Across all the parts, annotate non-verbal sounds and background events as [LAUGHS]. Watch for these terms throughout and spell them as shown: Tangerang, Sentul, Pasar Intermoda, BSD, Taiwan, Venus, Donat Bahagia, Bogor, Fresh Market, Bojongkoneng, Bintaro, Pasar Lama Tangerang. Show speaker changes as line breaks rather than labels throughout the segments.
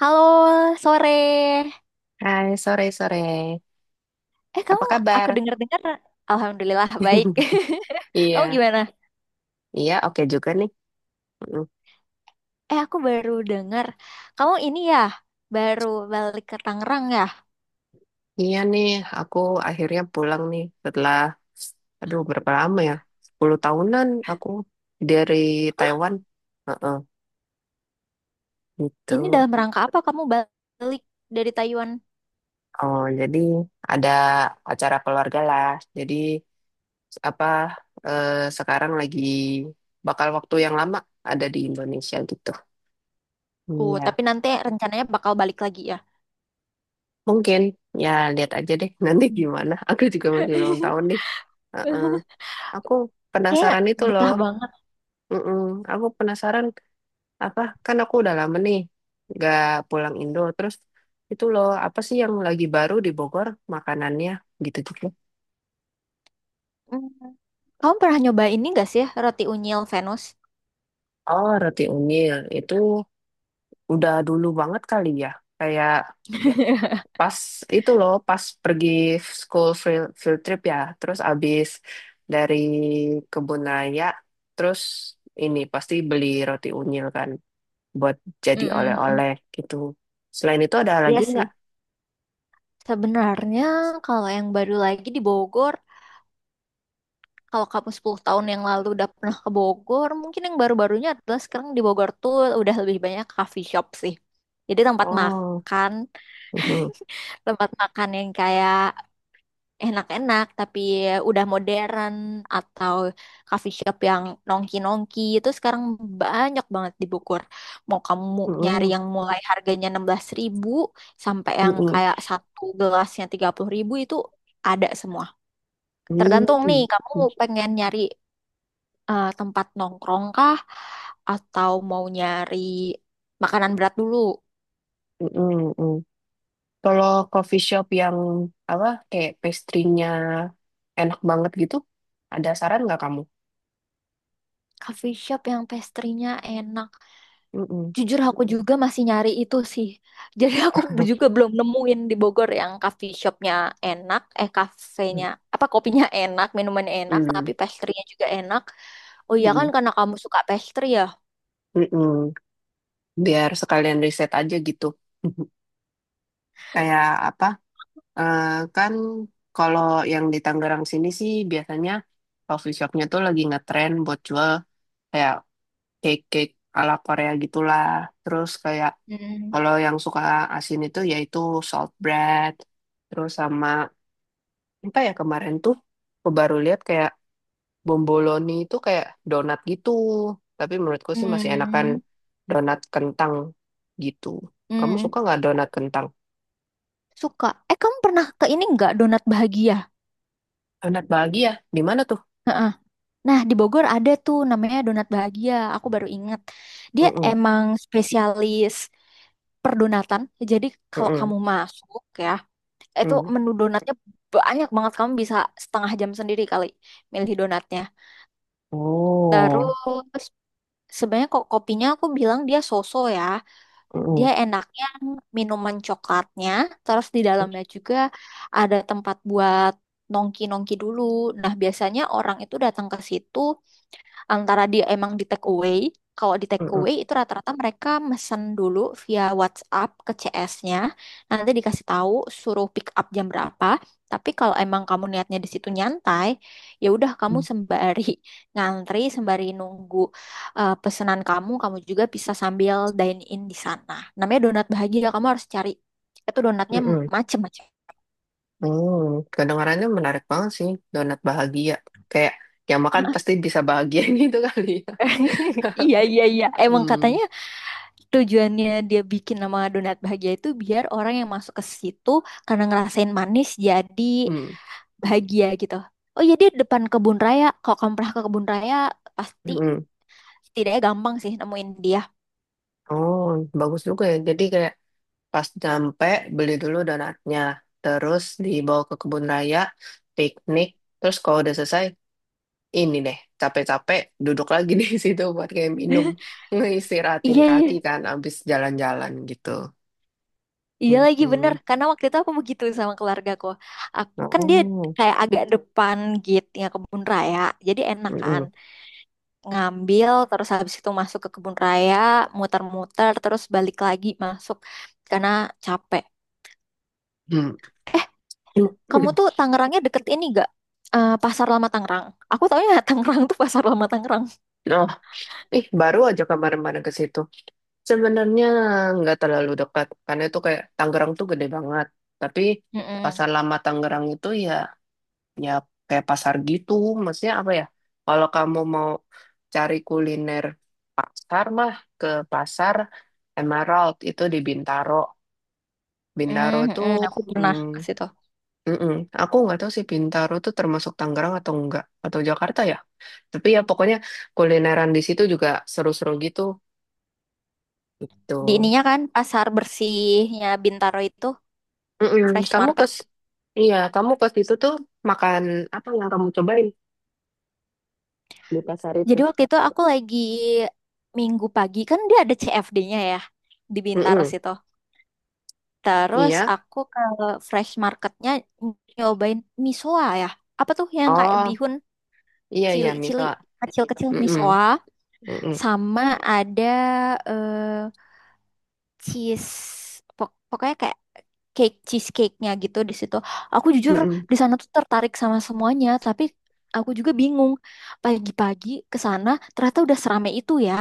Halo, sore.
Hai, sore-sore.
Eh,
Apa
kamu, aku
kabar?
dengar-dengar, alhamdulillah baik.
[LAUGHS]
[LAUGHS] Kamu
Iya,
gimana?
iya, oke juga nih. Mm.
Eh, aku baru dengar, kamu ini ya, baru balik ke Tangerang ya.
Iya nih, aku akhirnya pulang nih setelah, aduh, berapa lama ya? 10 tahunan aku dari Taiwan. Heeh, gitu.
Ini dalam rangka apa kamu balik dari Taiwan?
Oh, jadi ada acara keluarga lah. Jadi, apa, eh, sekarang lagi bakal waktu yang lama ada di Indonesia gitu.
Oh,
Iya.
tapi nanti rencananya bakal balik lagi ya.
Mungkin ya lihat aja deh [LAUGHS] nanti gimana. Aku juga masih ulang
[LAUGHS]
tahun nih. Heeh. Aku
Kayak
penasaran itu loh.
betah banget.
Mm-mm. Aku penasaran apa? Kan aku udah lama nih nggak pulang Indo. Terus itu loh apa sih yang lagi baru di Bogor makanannya gitu-gitu.
Mm. Kamu pernah nyoba ini gak sih, roti unyil Venus?
Oh, roti unyil itu udah dulu banget kali ya. Kayak
[LAUGHS]
pas itu loh pas pergi field trip ya terus abis dari kebun raya terus ini pasti beli roti unyil kan buat jadi
Mm-mm-mm.
oleh-oleh gitu selain itu ada lagi
Iya
nggak.
sih. Sebenarnya kalau yang baru lagi di Bogor, kalau kamu 10 tahun yang lalu udah pernah ke Bogor, mungkin yang baru-barunya adalah sekarang di Bogor tuh udah lebih banyak coffee shop sih. Jadi tempat
Oh,
makan,
mhm,
tempat makan yang kayak enak-enak tapi udah modern atau coffee shop yang nongki-nongki itu sekarang banyak banget di Bogor. Mau kamu nyari
mhm,
yang mulai harganya 16 ribu sampai yang
mhm,
kayak satu gelasnya 30 ribu itu ada semua. Tergantung nih,
mhm,
kamu pengen nyari tempat nongkrong kah? Atau mau nyari makanan berat dulu?
mhm, mhm. Kalau coffee shop yang apa kayak pastry-nya enak banget gitu ada saran nggak kamu.
Coffee shop yang pastry-nya enak.
Mhm.
Jujur aku juga masih nyari itu sih. Jadi aku [LAUGHS] juga belum nemuin di Bogor yang coffee shopnya enak, eh kafenya, apa kopinya enak, minuman enak, tapi
Mhm.
pastry-nya juga enak. Oh iya kan karena kamu suka pastry ya?
Mhm. [LAUGHS] Biar sekalian riset aja gitu. [LAUGHS] Kayak apa? eh, kan kalau yang di Tangerang sini sih biasanya coffee shopnya tuh lagi ngetren buat jual kayak cake-cake ala Korea gitulah. Terus kayak
Hmm.
kalau yang suka asin itu yaitu salt bread. Terus sama apa ya kemarin tuh aku baru lihat kayak bomboloni itu kayak donat gitu. Tapi menurutku sih masih enakan
Hmm.
donat kentang gitu. Kamu
Hmm.
suka nggak donat kentang?
Suka. Eh kamu pernah ke ini nggak donat bahagia?
Anak bahagia, di mana tuh?
Heeh. Nah, di Bogor ada tuh namanya Donat Bahagia. Aku baru ingat. Dia
Mm-mm,
emang spesialis perdonatan. Jadi kalau
mm-mm,
kamu masuk ya, itu
mm.
menu donatnya banyak banget. Kamu bisa setengah jam sendiri kali milih donatnya.
Oh,
Terus sebenarnya kok kopinya aku bilang dia soso ya.
mm-mm,
Dia enaknya minuman coklatnya. Terus di dalamnya juga ada tempat buat nongki-nongki dulu. Nah, biasanya orang itu datang ke situ antara dia emang di take away. Kalau di take
mm-mm,
away itu rata-rata mereka mesen dulu via WhatsApp ke CS-nya. Nanti dikasih tahu suruh pick up jam berapa. Tapi kalau emang kamu niatnya di situ nyantai, ya udah kamu sembari [LAUGHS] ngantri, sembari nunggu pesanan kamu, kamu juga bisa sambil dine in di sana. Namanya donat bahagia, kamu harus cari. Itu donatnya
mm-mm,
macem-macem.
mm. Kedengarannya menarik banget sih, donat bahagia. Kayak yang makan pasti bisa bahagia [LAUGHS] gitu kali ya.
[LAUGHS] Iya, iya, iya. Emang
Hmm,
katanya tujuannya dia bikin nama donat bahagia itu biar orang yang masuk ke situ karena ngerasain manis jadi
hmm,
bahagia gitu. Oh iya dia depan kebun raya. Kalau kamu pernah ke kebun raya pasti
mm.
setidaknya gampang sih nemuin dia.
Oh, bagus juga ya. Jadi kayak pas nyampe beli dulu donatnya, terus dibawa ke kebun raya, piknik, terus kalau udah selesai ini deh, capek-capek duduk lagi [LAUGHS] di situ buat kayak minum, ngeistirahatin
Iya
kaki
iya.
kan, abis jalan-jalan gitu.
Iya lagi bener
Mm-mm.
karena waktu itu aku begitu sama keluargaku. Ak- Kan dia
Oh,
kayak agak depan gitu ya kebun raya. Jadi enak kan
mm-mm.
ngambil terus habis itu masuk ke kebun raya, muter-muter terus balik lagi masuk karena capek.
Hmm.
Kamu tuh
[CLEARS THROAT]
Tangerangnya deket ini gak? Eh, Pasar Lama Tangerang. Aku taunya [LAUGHS] Tangerang tuh Pasar Lama Tangerang.
Oh, ih baru aja kemarin-kemarin ke situ. Sebenarnya nggak terlalu dekat, karena itu kayak Tangerang tuh gede banget. Tapi Pasar
Mm-mm.
Lama Tangerang itu ya ya kayak pasar gitu, maksudnya apa ya kalau kamu mau cari kuliner pasar mah ke pasar Emerald itu di Bintaro. Bintaro tuh
Mm-mm. Aku pernah
mm,
ke situ.
mm-mm. Aku nggak tahu sih Bintaro tuh termasuk Tangerang atau enggak atau Jakarta ya tapi ya pokoknya kulineran di situ juga seru-seru gitu gitu.
Di ininya kan pasar bersihnya Bintaro itu
Mm-mm.
Fresh
kamu ke
Market.
iya, kamu ke situ tuh makan apa yang kamu cobain di pasar itu.
Jadi waktu itu aku lagi minggu pagi kan dia ada CFD-nya ya di Bintaro
Mm-mm.
situ. Terus
Iya,
aku ke Fresh Marketnya nyobain misoa ya. Apa tuh yang kayak
oh
bihun
iya, iya
cili-cili
miso.
kecil-kecil
Mm-mm,
misoa
mm-mm,
sama ada eh, cheese pokoknya kayak cake cheesecake-nya gitu di situ. Aku jujur
mm-mm.
di sana tuh tertarik sama semuanya, tapi aku juga bingung pagi-pagi ke sana ternyata udah serame itu ya.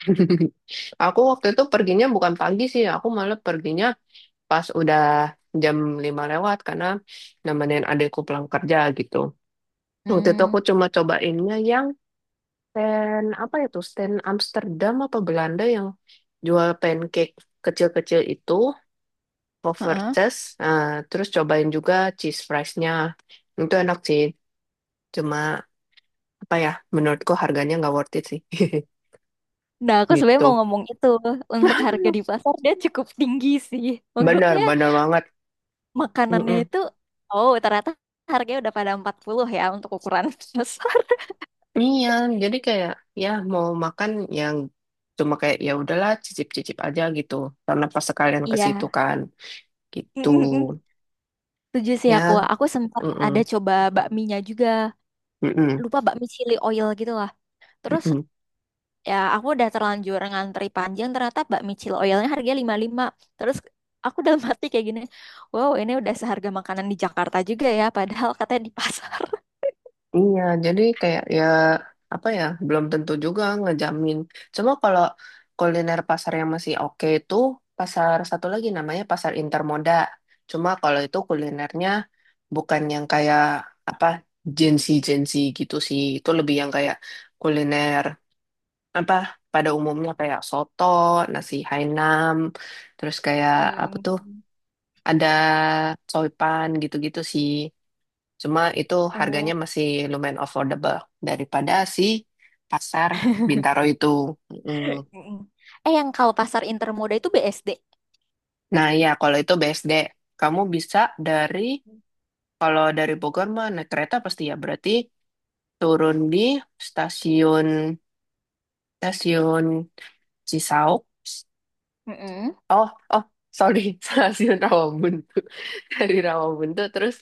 [LAUGHS] Aku waktu itu perginya bukan pagi sih, aku malah perginya pas udah jam 5 lewat karena nemenin adikku pulang kerja gitu. Waktu itu
Hmm,
aku cuma cobainnya yang stand apa itu stand Amsterdam apa Belanda yang jual pancake kecil-kecil itu,
heeh.
Povertes. Nah, terus cobain juga cheese fries-nya. Itu enak sih, cuma apa ya, menurutku harganya nggak worth it sih. [LAUGHS]
Nah, aku sebenarnya
Gitu.
mau ngomong itu untuk harga di
[LAUGHS]
pasar dia cukup tinggi sih.
Bener,
Maksudnya
bener banget.
makanannya
Mm-mm.
itu oh ternyata harganya udah pada 40 ya untuk ukuran [LAUGHS] besar.
Iya, jadi kayak ya mau makan yang cuma kayak ya udahlah cicip-cicip aja gitu. Karena pas sekalian ke situ
Iya.
kan
Mm,
gitu.
mm, mm. Setuju sih aku.
Ya,
Aku sempat ada
mm-mm.
coba bakminya juga. Lupa bakmi chili oil gitu lah. Terus ya aku udah terlanjur ngantri panjang ternyata bakmi chili oilnya harganya 55. Terus aku dalam hati kayak gini, wow ini udah seharga makanan di Jakarta juga ya padahal katanya di pasar.
Iya, jadi kayak ya apa ya belum tentu juga ngejamin. Cuma kalau kuliner pasar yang masih oke itu pasar satu lagi namanya pasar intermoda. Cuma kalau itu kulinernya bukan yang kayak apa jensi-jensi gitu sih. Itu lebih yang kayak kuliner apa pada umumnya kayak soto, nasi Hainan, terus kayak apa tuh
Hmm.
ada coipan gitu-gitu sih. Cuma itu harganya
Oh.
masih lumayan affordable daripada si pasar Bintaro
[LAUGHS]
itu. Mm.
Mm-mm. Eh yang kalau pasar intermoda itu BSD.
Nah ya kalau itu BSD, kamu bisa dari kalau dari Bogor mah naik kereta pasti ya berarti turun di stasiun stasiun Cisauk.
Mm-mm.
Oh, oh sorry [LAUGHS] stasiun Rawabuntu dari Rawabuntu terus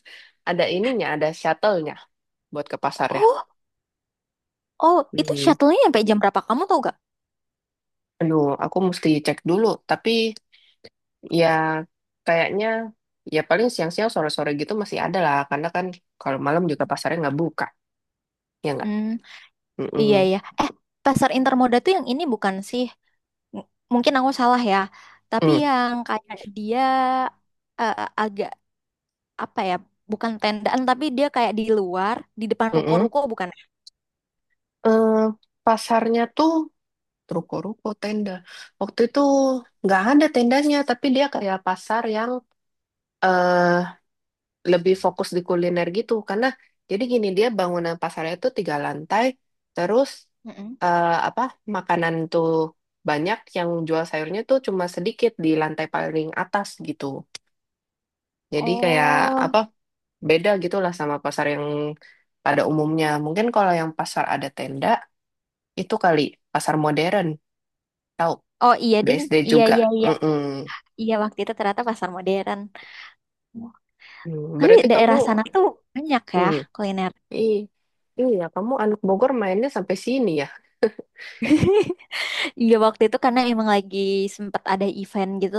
ada ininya ada shuttle-nya buat ke pasarnya.
Oh, oh itu
Hmm.
shuttle-nya sampai jam berapa kamu tau gak?
Aduh, aku mesti cek dulu. Tapi ya, kayaknya ya paling siang-siang sore-sore gitu masih ada lah, karena kan kalau malam juga pasarnya nggak buka, ya nggak?
Hmm. Iya,
Mm-mm.
ya, eh, pasar intermoda tuh yang ini bukan sih? M- Mungkin aku salah ya. Tapi
Mm,
yang kayak dia eh, agak apa ya? Bukan tendaan, tapi dia kayak di luar, di depan
mm-mm.
ruko-ruko bukan? Ya?
Eh, pasarnya tuh ruko-ruko tenda. Waktu itu nggak ada tendanya, tapi dia kayak pasar yang eh, lebih fokus di kuliner gitu karena jadi gini dia bangunan pasarnya tuh tiga lantai terus
Mm-mm.
apa makanan tuh banyak yang jual sayurnya tuh cuma sedikit di lantai paling atas gitu jadi kayak
Oh,
apa beda gitulah sama pasar yang pada umumnya mungkin kalau yang pasar ada tenda itu kali pasar modern tahu
oh iya ding.
BSD
Iya,
juga.
iya, iya.
Mm-mm.
Iya, waktu itu ternyata pasar modern.
Hmm,
Tapi
berarti kamu
daerah sana tuh banyak ya
hmm,
kuliner.
i- iya kamu anak Bogor mainnya sampai sini ya.
[LAUGHS] Iya waktu itu karena emang lagi sempat ada event gitu,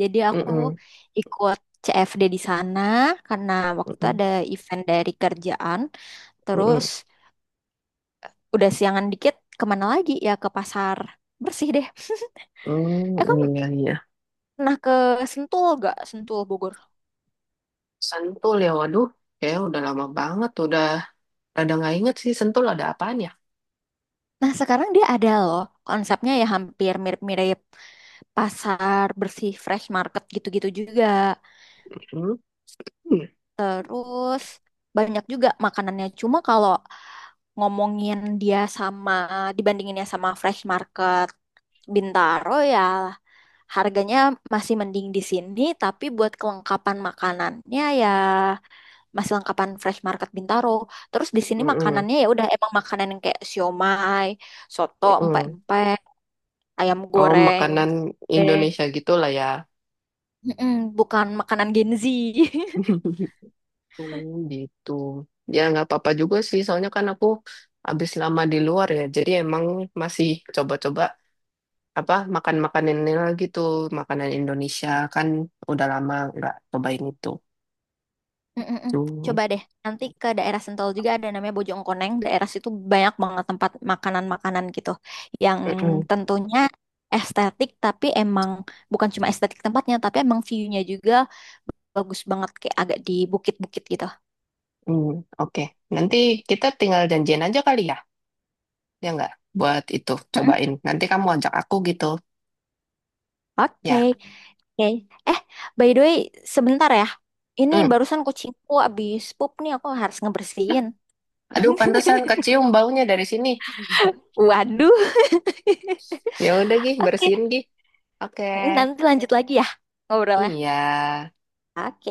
jadi aku
Mm-mm.
ikut CFD di sana karena waktu itu
Mm-mm.
ada event dari kerjaan. Terus
Mm-mm.
udah siangan dikit kemana lagi ya ke pasar bersih deh. [LAUGHS]
Hmm,
Eh kamu
iya, iya.
pernah ke Sentul gak? Sentul Bogor.
Sentul ya, waduh. Kayak udah lama banget, udah ada nggak inget sih Sentul ada apaan ya.
Nah sekarang dia ada loh konsepnya ya hampir mirip-mirip pasar bersih fresh market gitu-gitu juga.
Hmm.
Terus banyak juga makanannya. Cuma kalau ngomongin dia sama dibandinginnya sama Fresh Market Bintaro ya harganya masih mending di sini, tapi buat kelengkapan makanannya ya masih lengkapan Fresh Market Bintaro. Terus di sini
Mm-mm.
makanannya ya udah emang makanan yang kayak siomay, soto,
Mm-mm.
empek-empek, ayam
Oh,
goreng,
makanan
deng.
Indonesia gitu lah ya.
Mm-mm, bukan makanan Gen Z. [LAUGHS]
[LAUGHS] Hmm, gitu. Ya nggak apa-apa juga sih, soalnya kan aku habis lama di luar ya, jadi emang masih coba-coba apa makan-makanan ini lagi tuh, makanan Indonesia kan udah lama nggak cobain itu.
Mm-mm-mm.
Tuh.
Coba deh, nanti ke daerah Sentul juga ada namanya Bojongkoneng. Daerah situ banyak banget tempat makanan-makanan gitu. Yang tentunya estetik, tapi emang bukan cuma estetik tempatnya, tapi emang view-nya juga bagus banget. Kayak agak di bukit-bukit gitu.
Hmm, oke. Nanti kita tinggal janjian aja kali ya, ya nggak? Buat itu,
Mm-mm.
cobain. Nanti kamu ajak aku gitu,
Oke,
ya.
oke. Eh, by the way, sebentar ya. Ini
Hmm.
barusan kucingku abis pup nih, aku harus ngebersihin.
Aduh, pantesan kecium baunya dari sini.
Waduh. [LAUGHS]
Ya udah, Gih,
Oke,
bersihin, Gih. Oke.
nanti lanjut lagi ya ngobrolnya.
Iya.
Oke.